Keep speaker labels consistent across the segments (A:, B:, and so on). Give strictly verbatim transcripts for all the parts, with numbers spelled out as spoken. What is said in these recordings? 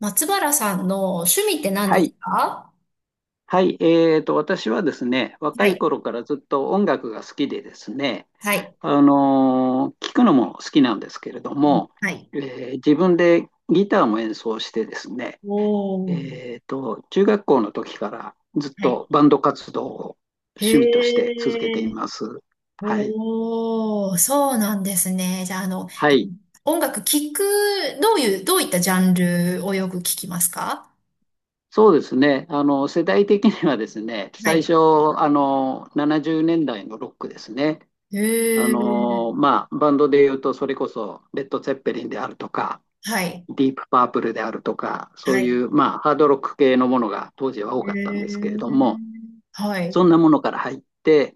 A: 松原さんの趣味って何
B: は
A: です
B: い。
A: か？
B: はい。えーと、私はですね、
A: は
B: 若い
A: い。
B: 頃からずっと音楽が好きでですね、
A: はい。
B: あのー聞くのも好きなんですけれど
A: うん、
B: も、
A: はい。
B: えー自分でギターも演奏してですね、
A: おー。
B: えーと、中学校の時からずっ
A: はい。
B: とバンド活動を趣味とし
A: へ
B: て続けてい
A: ー。
B: ます。はい。
A: おー、そうなんですね。じゃあ、あの、
B: は
A: え
B: い。
A: 音楽聴く、どういう、どういったジャンルをよく聴きますか？
B: そうですね。あの、世代的にはですね、
A: は
B: 最
A: い。
B: 初、あの、ななじゅうねんだいのロックですね。
A: へ
B: あ
A: ー、
B: のーまあ、バンドで言うと、それこそ、レッド・ツェッペリンであるとか、
A: はい。
B: ディープ・パープルであるとか、そ
A: は
B: うい
A: い。
B: う、まあ、ハードロック系のものが当時は
A: へ
B: 多かったんですけれども、
A: ー、はい。
B: そんなものから入って、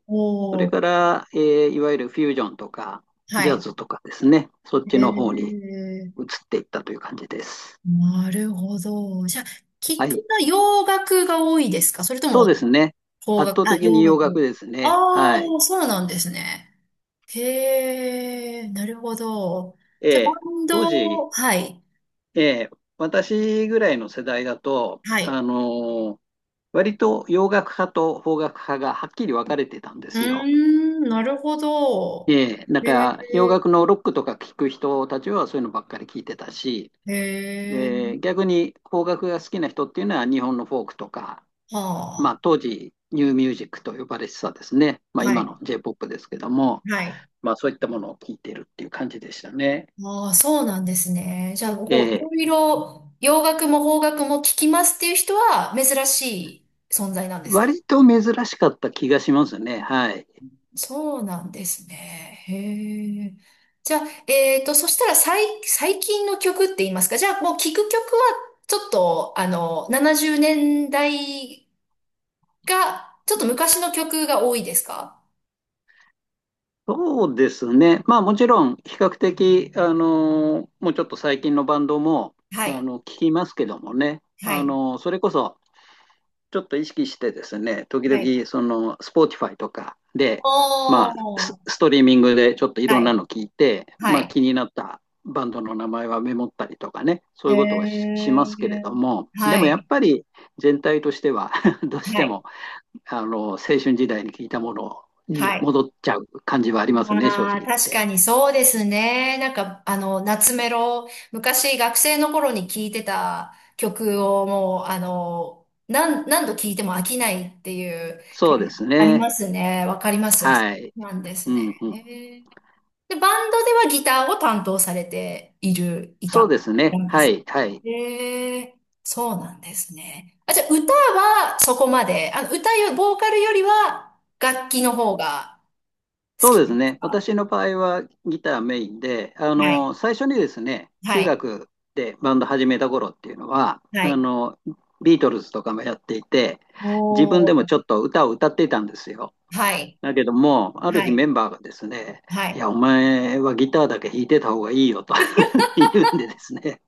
B: そ
A: お
B: れ
A: ー。
B: から、えーいわゆるフュージョンとか、
A: は
B: ジャ
A: い。
B: ズとかですね、そっち
A: へ
B: の方に移
A: ー、
B: っていったという感じです。
A: なるほど。じゃあ、
B: は
A: 聞く
B: い。
A: の洋楽が多いですか？それと
B: そう
A: も、
B: ですね。
A: 邦
B: 圧
A: 楽、
B: 倒
A: あ、
B: 的に
A: 洋
B: 洋楽
A: 楽。
B: ですね。
A: あ
B: はい。
A: あ、そうなんですね。へえ、なるほど。
B: え
A: じゃあ、バ
B: え、
A: ン
B: 当時、
A: ド、はい、
B: ええ、私ぐらいの世代だと、
A: は
B: あ
A: い。
B: の割と洋楽派と邦楽派がはっきり分かれてたんで
A: うー
B: すよ。
A: ん、なるほど。
B: えんだ
A: へ
B: から洋
A: え、
B: 楽のロックとか聴く人たちはそういうのばっかり聴いてたし、え
A: へえ、
B: ー逆に邦楽が好きな人っていうのは日本のフォークとか、
A: は
B: ま
A: あ、
B: あ、当時ニューミュージックと呼ばれてたですね、まあ、
A: は
B: 今
A: い、
B: の J-ポップ ですけども、
A: はい。
B: まあ、そういったものを聴いてるっていう感じでしたね。
A: ああ、そうなんですね。じゃあ、
B: え
A: こう、い
B: ー
A: ろいろ洋楽も邦楽も聞きますっていう人は珍しい存在なんですか？
B: 割と珍しかった気がしますね。はい。
A: そうなんですね。へえ。じゃあ、えっと、そしたら最、最近の曲って言いますか。じゃあ、もう聴く曲は、ちょっと、あの、ななじゅうねんだいが、ちょっと昔の曲が多いですか？
B: そうですね。まあもちろん比較的、あのもうちょっと最近のバンドも、
A: は
B: あ
A: い、
B: の、聞きますけどもね。
A: は
B: あ
A: い、
B: のそれこそちょっと意識してですね、時
A: はい、
B: 々その、Spotify とかで、
A: お
B: まあス、
A: ー。
B: ストリーミングでちょっとい
A: は
B: ろんな
A: い、
B: の聞いて、
A: は
B: まあ
A: い。
B: 気になったバンドの名前はメモったりとかね、そう
A: へ
B: いうことはし、しますけれ
A: え、
B: ども、で
A: は
B: もやっ
A: い、
B: ぱり全体としては どうし
A: は
B: て
A: い、
B: もあの、青春時代に聞いたもの
A: は
B: に
A: い。
B: 戻っちゃう感じはありますね、正
A: あ
B: 直
A: あ、
B: 言っ
A: 確か
B: て。
A: にそうですね。なんか、あの、夏メロ、昔学生の頃に聴いてた曲をもう、あの、何、何度聴いても飽きないっていう
B: そうで
A: 感
B: す
A: あり
B: ね。
A: ますね。わかります。あ、そ
B: はい。
A: うなんです
B: うん
A: ね。
B: うん。
A: へえ。で、バンドではギターを担当されている、い
B: そう
A: た
B: です
A: な
B: ね。
A: んで
B: は
A: す
B: い、はい。
A: ね。へえ、そうなんですね。あ、じゃあ歌はそこまで、あの、歌よ、ボーカルよりは楽器の方が好
B: そう
A: き
B: で
A: な
B: す
A: んです
B: ね。
A: か？
B: 私の場合はギターメインで、あ
A: は
B: の、
A: い。
B: 最初にですね、
A: は
B: 中
A: い。
B: 学でバンド始めた頃っていうのは、
A: は
B: あ
A: い。
B: の、ビートルズとかもやっていて、自分
A: お
B: でもちょっ
A: ー。
B: と歌を歌っていたんですよ。
A: はい。
B: だけども、ある
A: は
B: 日メ
A: い。
B: ンバーがですね、
A: は
B: いや、
A: い。
B: お前はギターだけ弾いてた方がいいよと 言うんでですね、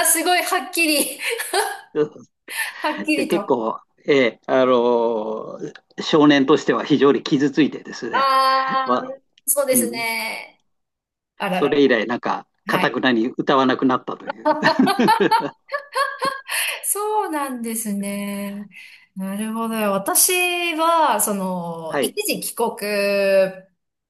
A: ああ、すごい、はっきり、はっき
B: で
A: り
B: 結
A: と。
B: 構、えーあのー少年としては非常に傷ついてです
A: あ
B: ね、
A: あ、
B: まあ、
A: そうで
B: う
A: す
B: ん、
A: ね。あら
B: そ
A: ら
B: れ以
A: ら。
B: 来、なんか、か
A: は
B: たく
A: い。
B: なに歌わなくなったという。
A: そうなんですね。なるほど。私は、その、
B: は
A: 一
B: い、
A: 時帰国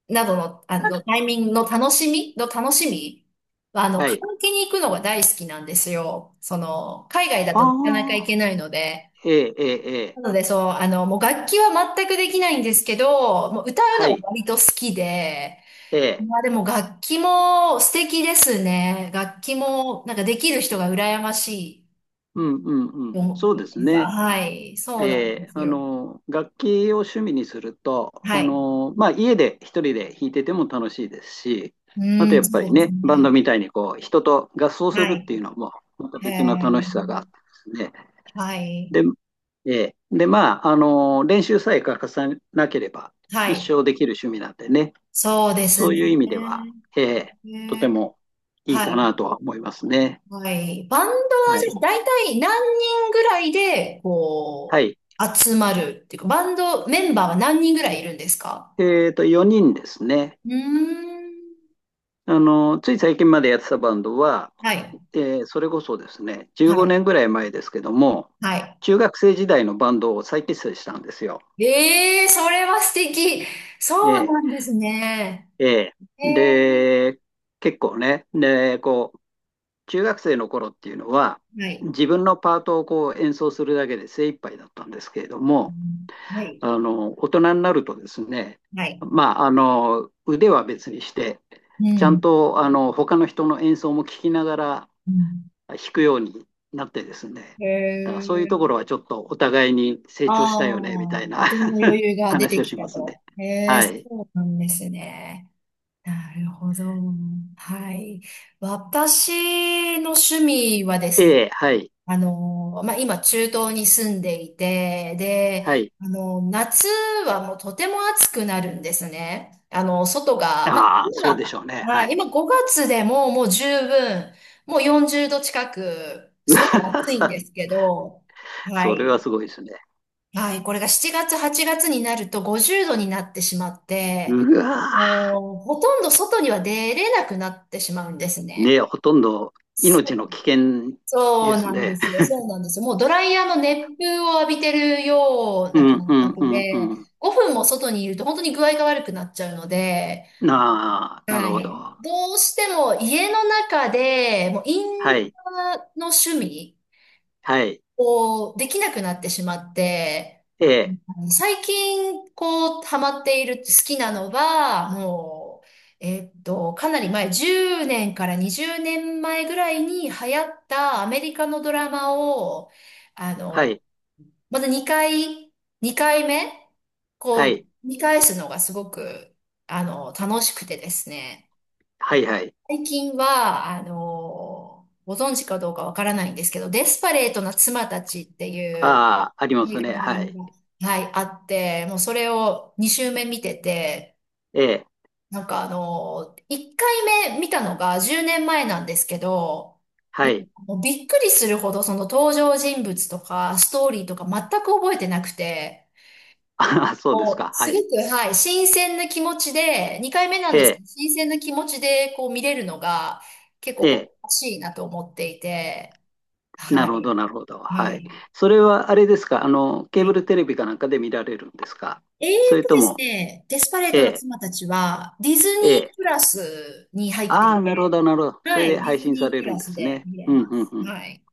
A: などの、あの、タイミングの楽しみの楽しみは、あの、
B: は
A: カラ
B: い。
A: オケに行くのが大好きなんですよ。その、海外だとなかなか行
B: あ
A: け
B: あ、
A: ないので。
B: ええええええ、
A: なので、そう、あの、もう楽器は全くできないんですけど、もう歌う
B: は
A: のは
B: い、
A: 割と好きで、
B: ええ、
A: まあでも楽器も素敵ですね。楽器もなんかできる人が羨ましい
B: うんうんう
A: と
B: ん、
A: 思っ
B: そう
A: て
B: です
A: ますか。
B: ね。
A: はい、そうなんで
B: で、
A: す
B: あ
A: よ。
B: の、楽器を趣味にすると、あ
A: はい。
B: の、まあ、家で一人で弾いてても楽しいですし、
A: う
B: あとや
A: ん、
B: っぱ
A: そ
B: り
A: うです
B: ね、バン
A: ね。
B: ドみたいにこう、人と合奏す
A: は
B: るっ
A: い。
B: ていうのも、また
A: へ
B: 別の楽
A: え、
B: しさがあってですね。
A: はい。
B: で、えーで、まあ、あの、練習さえ欠かさなければ、
A: は
B: 一
A: い。
B: 生できる趣味なんでね、
A: そうです
B: そういう
A: ね。
B: 意味では、えー
A: へ
B: とて
A: え、
B: もいい
A: は
B: かな
A: い。
B: とは思いますね。
A: はい。バンドは
B: はい。
A: じゃあ大体何人ぐらいで、
B: は
A: こ
B: い。
A: う、集まるっていうか、バンドメンバーは何人ぐらいいるんですか？
B: えっと、よにんですね。
A: うーん。
B: あの、つい最近までやってたバンドは、
A: はい。
B: えーそれこそですね、15
A: はい。
B: 年ぐらい前ですけども、
A: は
B: 中学生時代のバンドを再結成したんですよ。
A: い。ええー、それは素敵。
B: え
A: そう
B: え、
A: なんですね。
B: ええ。
A: ええ
B: で、結構ね、で、こう、中学生の頃っていうのは、
A: ー。はい。
B: 自分のパートをこう演奏するだけで精一杯だったんですけれど
A: う
B: も、
A: ん、はい。
B: あの、大人になるとですね、
A: はい。
B: まあ、あの、腕は別にして、
A: う
B: ちゃん
A: ん。
B: と、あの、他の人の演奏も聞きながら、
A: うん。
B: 引くようになってですね、
A: へ
B: だからそういうとこ
A: え。
B: ろはちょっとお互いに成
A: あ
B: 長したよねみたい
A: あ、
B: な
A: 大人の余裕 が出
B: 話
A: て
B: を
A: き
B: し
A: た
B: ますね。
A: と。へえ、
B: は
A: そ
B: い。
A: うなんですね。なるほど。はい。私の趣味はですね、
B: ええ、はい、
A: あの、まあ、今中東に住んでいて、で、
B: はい。
A: あの、夏はもうとても暑くなるんですね。あの、外が、まあ、
B: ああ、そうでし
A: 今、
B: ょうね。
A: まあ、
B: はい。
A: 今ごがつでももう十分、もうよんじゅうど近く、
B: うわ
A: すごく暑いん
B: ー、
A: ですけど、は
B: それは
A: い。
B: すごいですね。
A: はい、これがしちがつ、はちがつになるとごじゅうどになってしまって、
B: うわ
A: もうほとんど外には出れなくなってしまうんです
B: ー
A: ね。
B: ね、ほとんど
A: そ
B: 命の
A: う
B: 危険
A: そ
B: で
A: う
B: す
A: なんで
B: ね。
A: すよ。そうなんですよ。もうドライヤーの熱風を浴びてるよう
B: う
A: な
B: ん
A: 感
B: うん
A: 覚
B: うんう
A: で、
B: ん。
A: ごふんも外にいると本当に具合が悪くなっちゃうので、
B: なあ、
A: は
B: なるほ
A: い。
B: ど。
A: どうしても家の中で、もうイ
B: は
A: ンド
B: い、
A: アの趣味
B: はい、
A: をできなくなってしまって、
B: ええ、
A: 最近、こう、ハマっている、好きなのが、もう、えっと、かなり前、じゅうねんからにじゅうねんまえぐらいに流行ったアメリカのドラマを、あ
B: は
A: の、
B: い、
A: また2回、にかいめ、こ
B: は
A: う、
B: い、
A: 見返すのがすごく、あの、楽しくてですね。
B: はい、はい。
A: 最近は、あの、ご存知かどうかわからないんですけど、デスパレートな妻たちっていう
B: ああ、あり
A: ア
B: ま
A: メ
B: す
A: リカ
B: ね。
A: のドラ
B: はい、
A: マが、はい、あって、もうそれをに週目見てて、
B: ええ、
A: なんかあの、いっかいめ見たのがじゅうねんまえなんですけど、も
B: は
A: う、
B: い。
A: もうびっくりするほどその登場人物とかストーリーとか全く覚えてなくて、
B: ああ、そうです
A: こ
B: か。
A: う、
B: は
A: すご
B: い。
A: く、はい、新鮮な気持ちで、にかいめなん
B: え
A: ですけ
B: え、
A: ど、新鮮な気持ちでこう見れるのが結構
B: え
A: こ
B: え。
A: う、欲しいなと思っていて、
B: な
A: は
B: るほど、
A: い、
B: なるほど。
A: は
B: はい。
A: い、
B: それは、あれですか。あの、ケー
A: は
B: ブ
A: い。
B: ルテレビかなんかで見られるんですか。
A: えー
B: それ
A: と
B: と
A: です
B: も、
A: ね、デスパレー
B: え
A: トの
B: え、
A: 妻たちは、ディズニ
B: え
A: ープ
B: え。
A: ラスに入って
B: ああ、
A: い
B: なるほ
A: て、
B: ど、なるほど。そ
A: は
B: れで
A: い、ディ
B: 配
A: ズ
B: 信さ
A: ニー
B: れ
A: プ
B: る
A: ラ
B: んで
A: ス
B: す
A: で
B: ね。
A: 見れ
B: うん、
A: ま
B: うん、
A: す。
B: うん。
A: はい。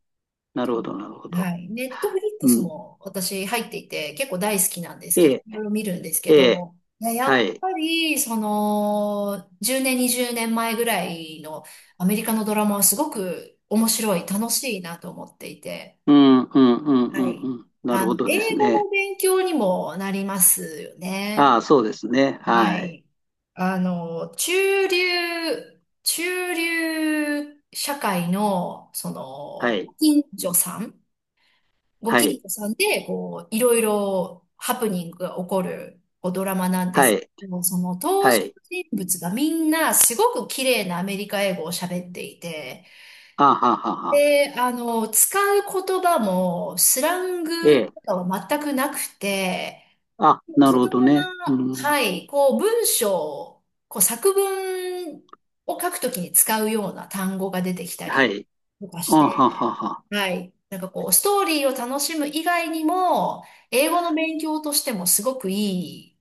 B: な
A: と、
B: るほど、なるほ
A: は
B: ど。
A: い。ネットフリック
B: う
A: ス
B: ん。
A: も私入っていて、結構大好きなんです
B: え
A: けど、
B: え、
A: いろいろ見るんですけ
B: ええ。
A: ど、いや
B: は
A: やっ
B: い。
A: ぱり、その、じゅうねん、にじゅうねんまえぐらいのアメリカのドラマはすごく面白い、楽しいなと思っていて、
B: うん、うん、うん、う
A: は
B: ん、
A: い。
B: うん。なる
A: あ
B: ほ
A: の、
B: どです
A: 英語
B: ね。
A: の勉強にもなりますよね。
B: ああ、そうですね。
A: は
B: はい。
A: い。あの、中流、中流社会の、そ
B: は
A: の、ご
B: い。
A: 近所さん、ご
B: は
A: 近
B: い。
A: 所さんで、こう、いろいろハプニングが起こる、こう、ドラマなんで
B: は
A: す
B: い。
A: けど、その登
B: は
A: 場
B: い。
A: 人物がみんなすごく綺麗なアメリカ英語を喋っていて、
B: ああ、はあはあはあ。
A: で、あの、使う言葉もスラング
B: え
A: と
B: え。
A: かは全くなくて、
B: あ、な
A: 自
B: るほど
A: 分
B: ね。う
A: な、
B: ん。
A: はい、こう文章、こう作文を書くときに使うような単語が出てきた
B: は
A: り
B: い。
A: とか
B: あ
A: し
B: はは
A: て、
B: は。
A: はい、なんかこうストーリーを楽しむ以外にも、英語の勉強としてもすごくいい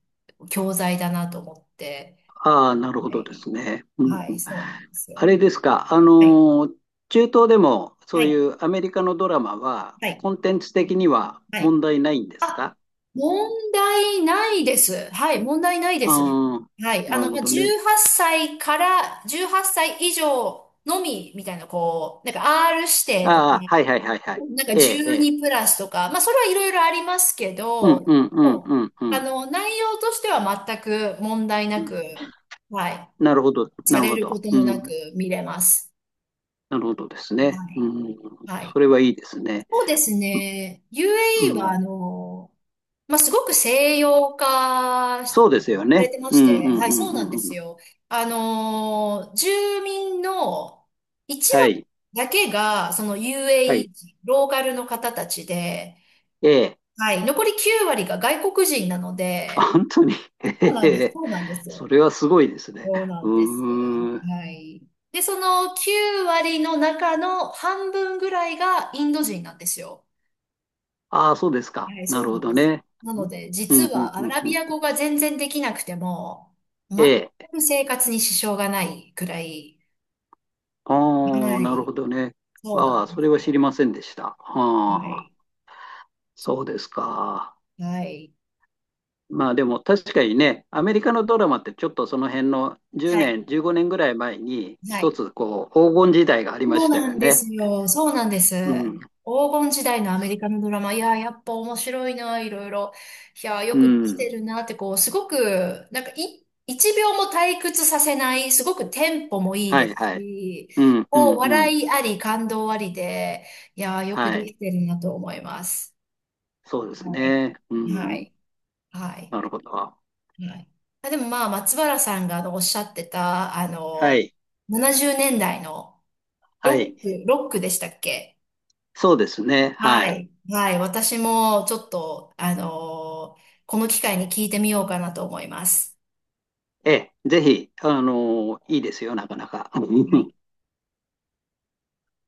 A: 教材だなと思って、
B: ああ、なるほ
A: は
B: どで
A: い、
B: すね。うん
A: は
B: う
A: い、
B: ん、
A: そうなんです
B: あ
A: よ。
B: れですか、あ
A: はい、
B: のー、中東でも
A: は
B: そうい
A: い、
B: うアメリカのドラマは、
A: はい、
B: コンテンツ的には
A: はい。
B: 問題ないんですか？
A: 問題ないです。はい、問題ないです。
B: ああ、
A: はい。あ
B: なる
A: の、
B: ほ
A: まあ、
B: どね。
A: じゅうはっさいからじゅうはっさい以上のみみたいな、こう、なんか R 指定とか、
B: ああ、はいはいはいはい。
A: なんか
B: ええ、ええ。
A: じゅうにプラスとか、まあ、それはいろいろありますけ
B: うん
A: ど、
B: うんうんう
A: も
B: んう
A: う、あ
B: ん。
A: の、内容としては全く問題なく、はい。
B: なるほど、な
A: さ
B: る
A: れ
B: ほ
A: るこ
B: ど。
A: と
B: う
A: もなく
B: ん、
A: 見れます。
B: なるほどですね。
A: は
B: う
A: い。
B: ん、
A: は
B: そ
A: い。
B: れはいいですね。
A: そうですね。
B: う
A: ユーエーイー は、
B: ん、
A: あの、まあ、すごく西洋化しさ
B: そうですよ
A: れ
B: ね。
A: てま
B: う
A: し
B: んうん
A: て、
B: うん
A: はい、そうなん
B: う
A: で
B: んう
A: す
B: ん。
A: よ。あのー住民のいち
B: は
A: 割
B: い、
A: だけが、その
B: はい。
A: ユーエーイー 人、ローカルの方たちで、
B: ええ。
A: はい、残りきゅう割が外国人なので、
B: 本当に、へ
A: そうな
B: へ
A: んです、
B: へ、
A: そうなんです。
B: それはすごいですね。
A: そうな
B: う
A: んです。
B: ーん。
A: はい。で、そのきゅう割の中の半分ぐらいがインド人なんですよ。
B: ああ、そうですか。
A: はい、
B: な
A: そ
B: る
A: うな
B: ほ
A: ん
B: ど
A: です。
B: ね。
A: なので、
B: う
A: 実
B: ん、うん、
A: はア
B: うん、
A: ラ
B: う
A: ビ
B: ん。
A: ア語が全然できなくても、全
B: え
A: く
B: え。
A: 生活に支障がないくらい、
B: ああ、
A: は
B: なる
A: い、
B: ほどね。
A: そうな
B: あ
A: ん
B: あ、
A: で
B: そ
A: す
B: れは
A: よ。
B: 知りませんでした。
A: は
B: ああ、
A: い、
B: そうですか。
A: はい、
B: まあでも確かにね、アメリカのドラマってちょっとその辺の10
A: はい、
B: 年、じゅうごねんぐらい前に
A: は
B: 一
A: い。
B: つこう黄金時代がありま
A: そう
B: した
A: な
B: よ
A: んで
B: ね。
A: すよ。そうなんです。
B: うん、
A: 黄金時代のアメリカのドラマ。いやー、やっぱ面白いな、いろいろ。いやー、よ
B: う
A: くできて
B: ん。
A: るなって、こう、すごく、なんかい、いちびょうも退屈させない、すごくテンポもいい
B: は
A: で
B: い
A: す
B: はい。
A: し、
B: うん、う
A: こ
B: ん、
A: う、
B: う
A: 笑
B: ん。
A: いあり、感動ありで、いやー、よく
B: は
A: で
B: い。
A: きてるなと思います。
B: そうです
A: はい。
B: ね。
A: は
B: うん。
A: い。は
B: なる
A: い。
B: ほど。
A: はい。あ、でもまあ、松原さんがあのおっしゃってた、あ
B: は
A: の、
B: い。
A: ななじゅうねんだいの
B: は
A: ロ
B: い。
A: ック、ロックでしたっけ？
B: そうですね。
A: は
B: はい。
A: い。はい。私もちょっと、あのーこの機会に聞いてみようかなと思います。
B: ええ、ぜひ、あの、いいですよ、なかなか。
A: は い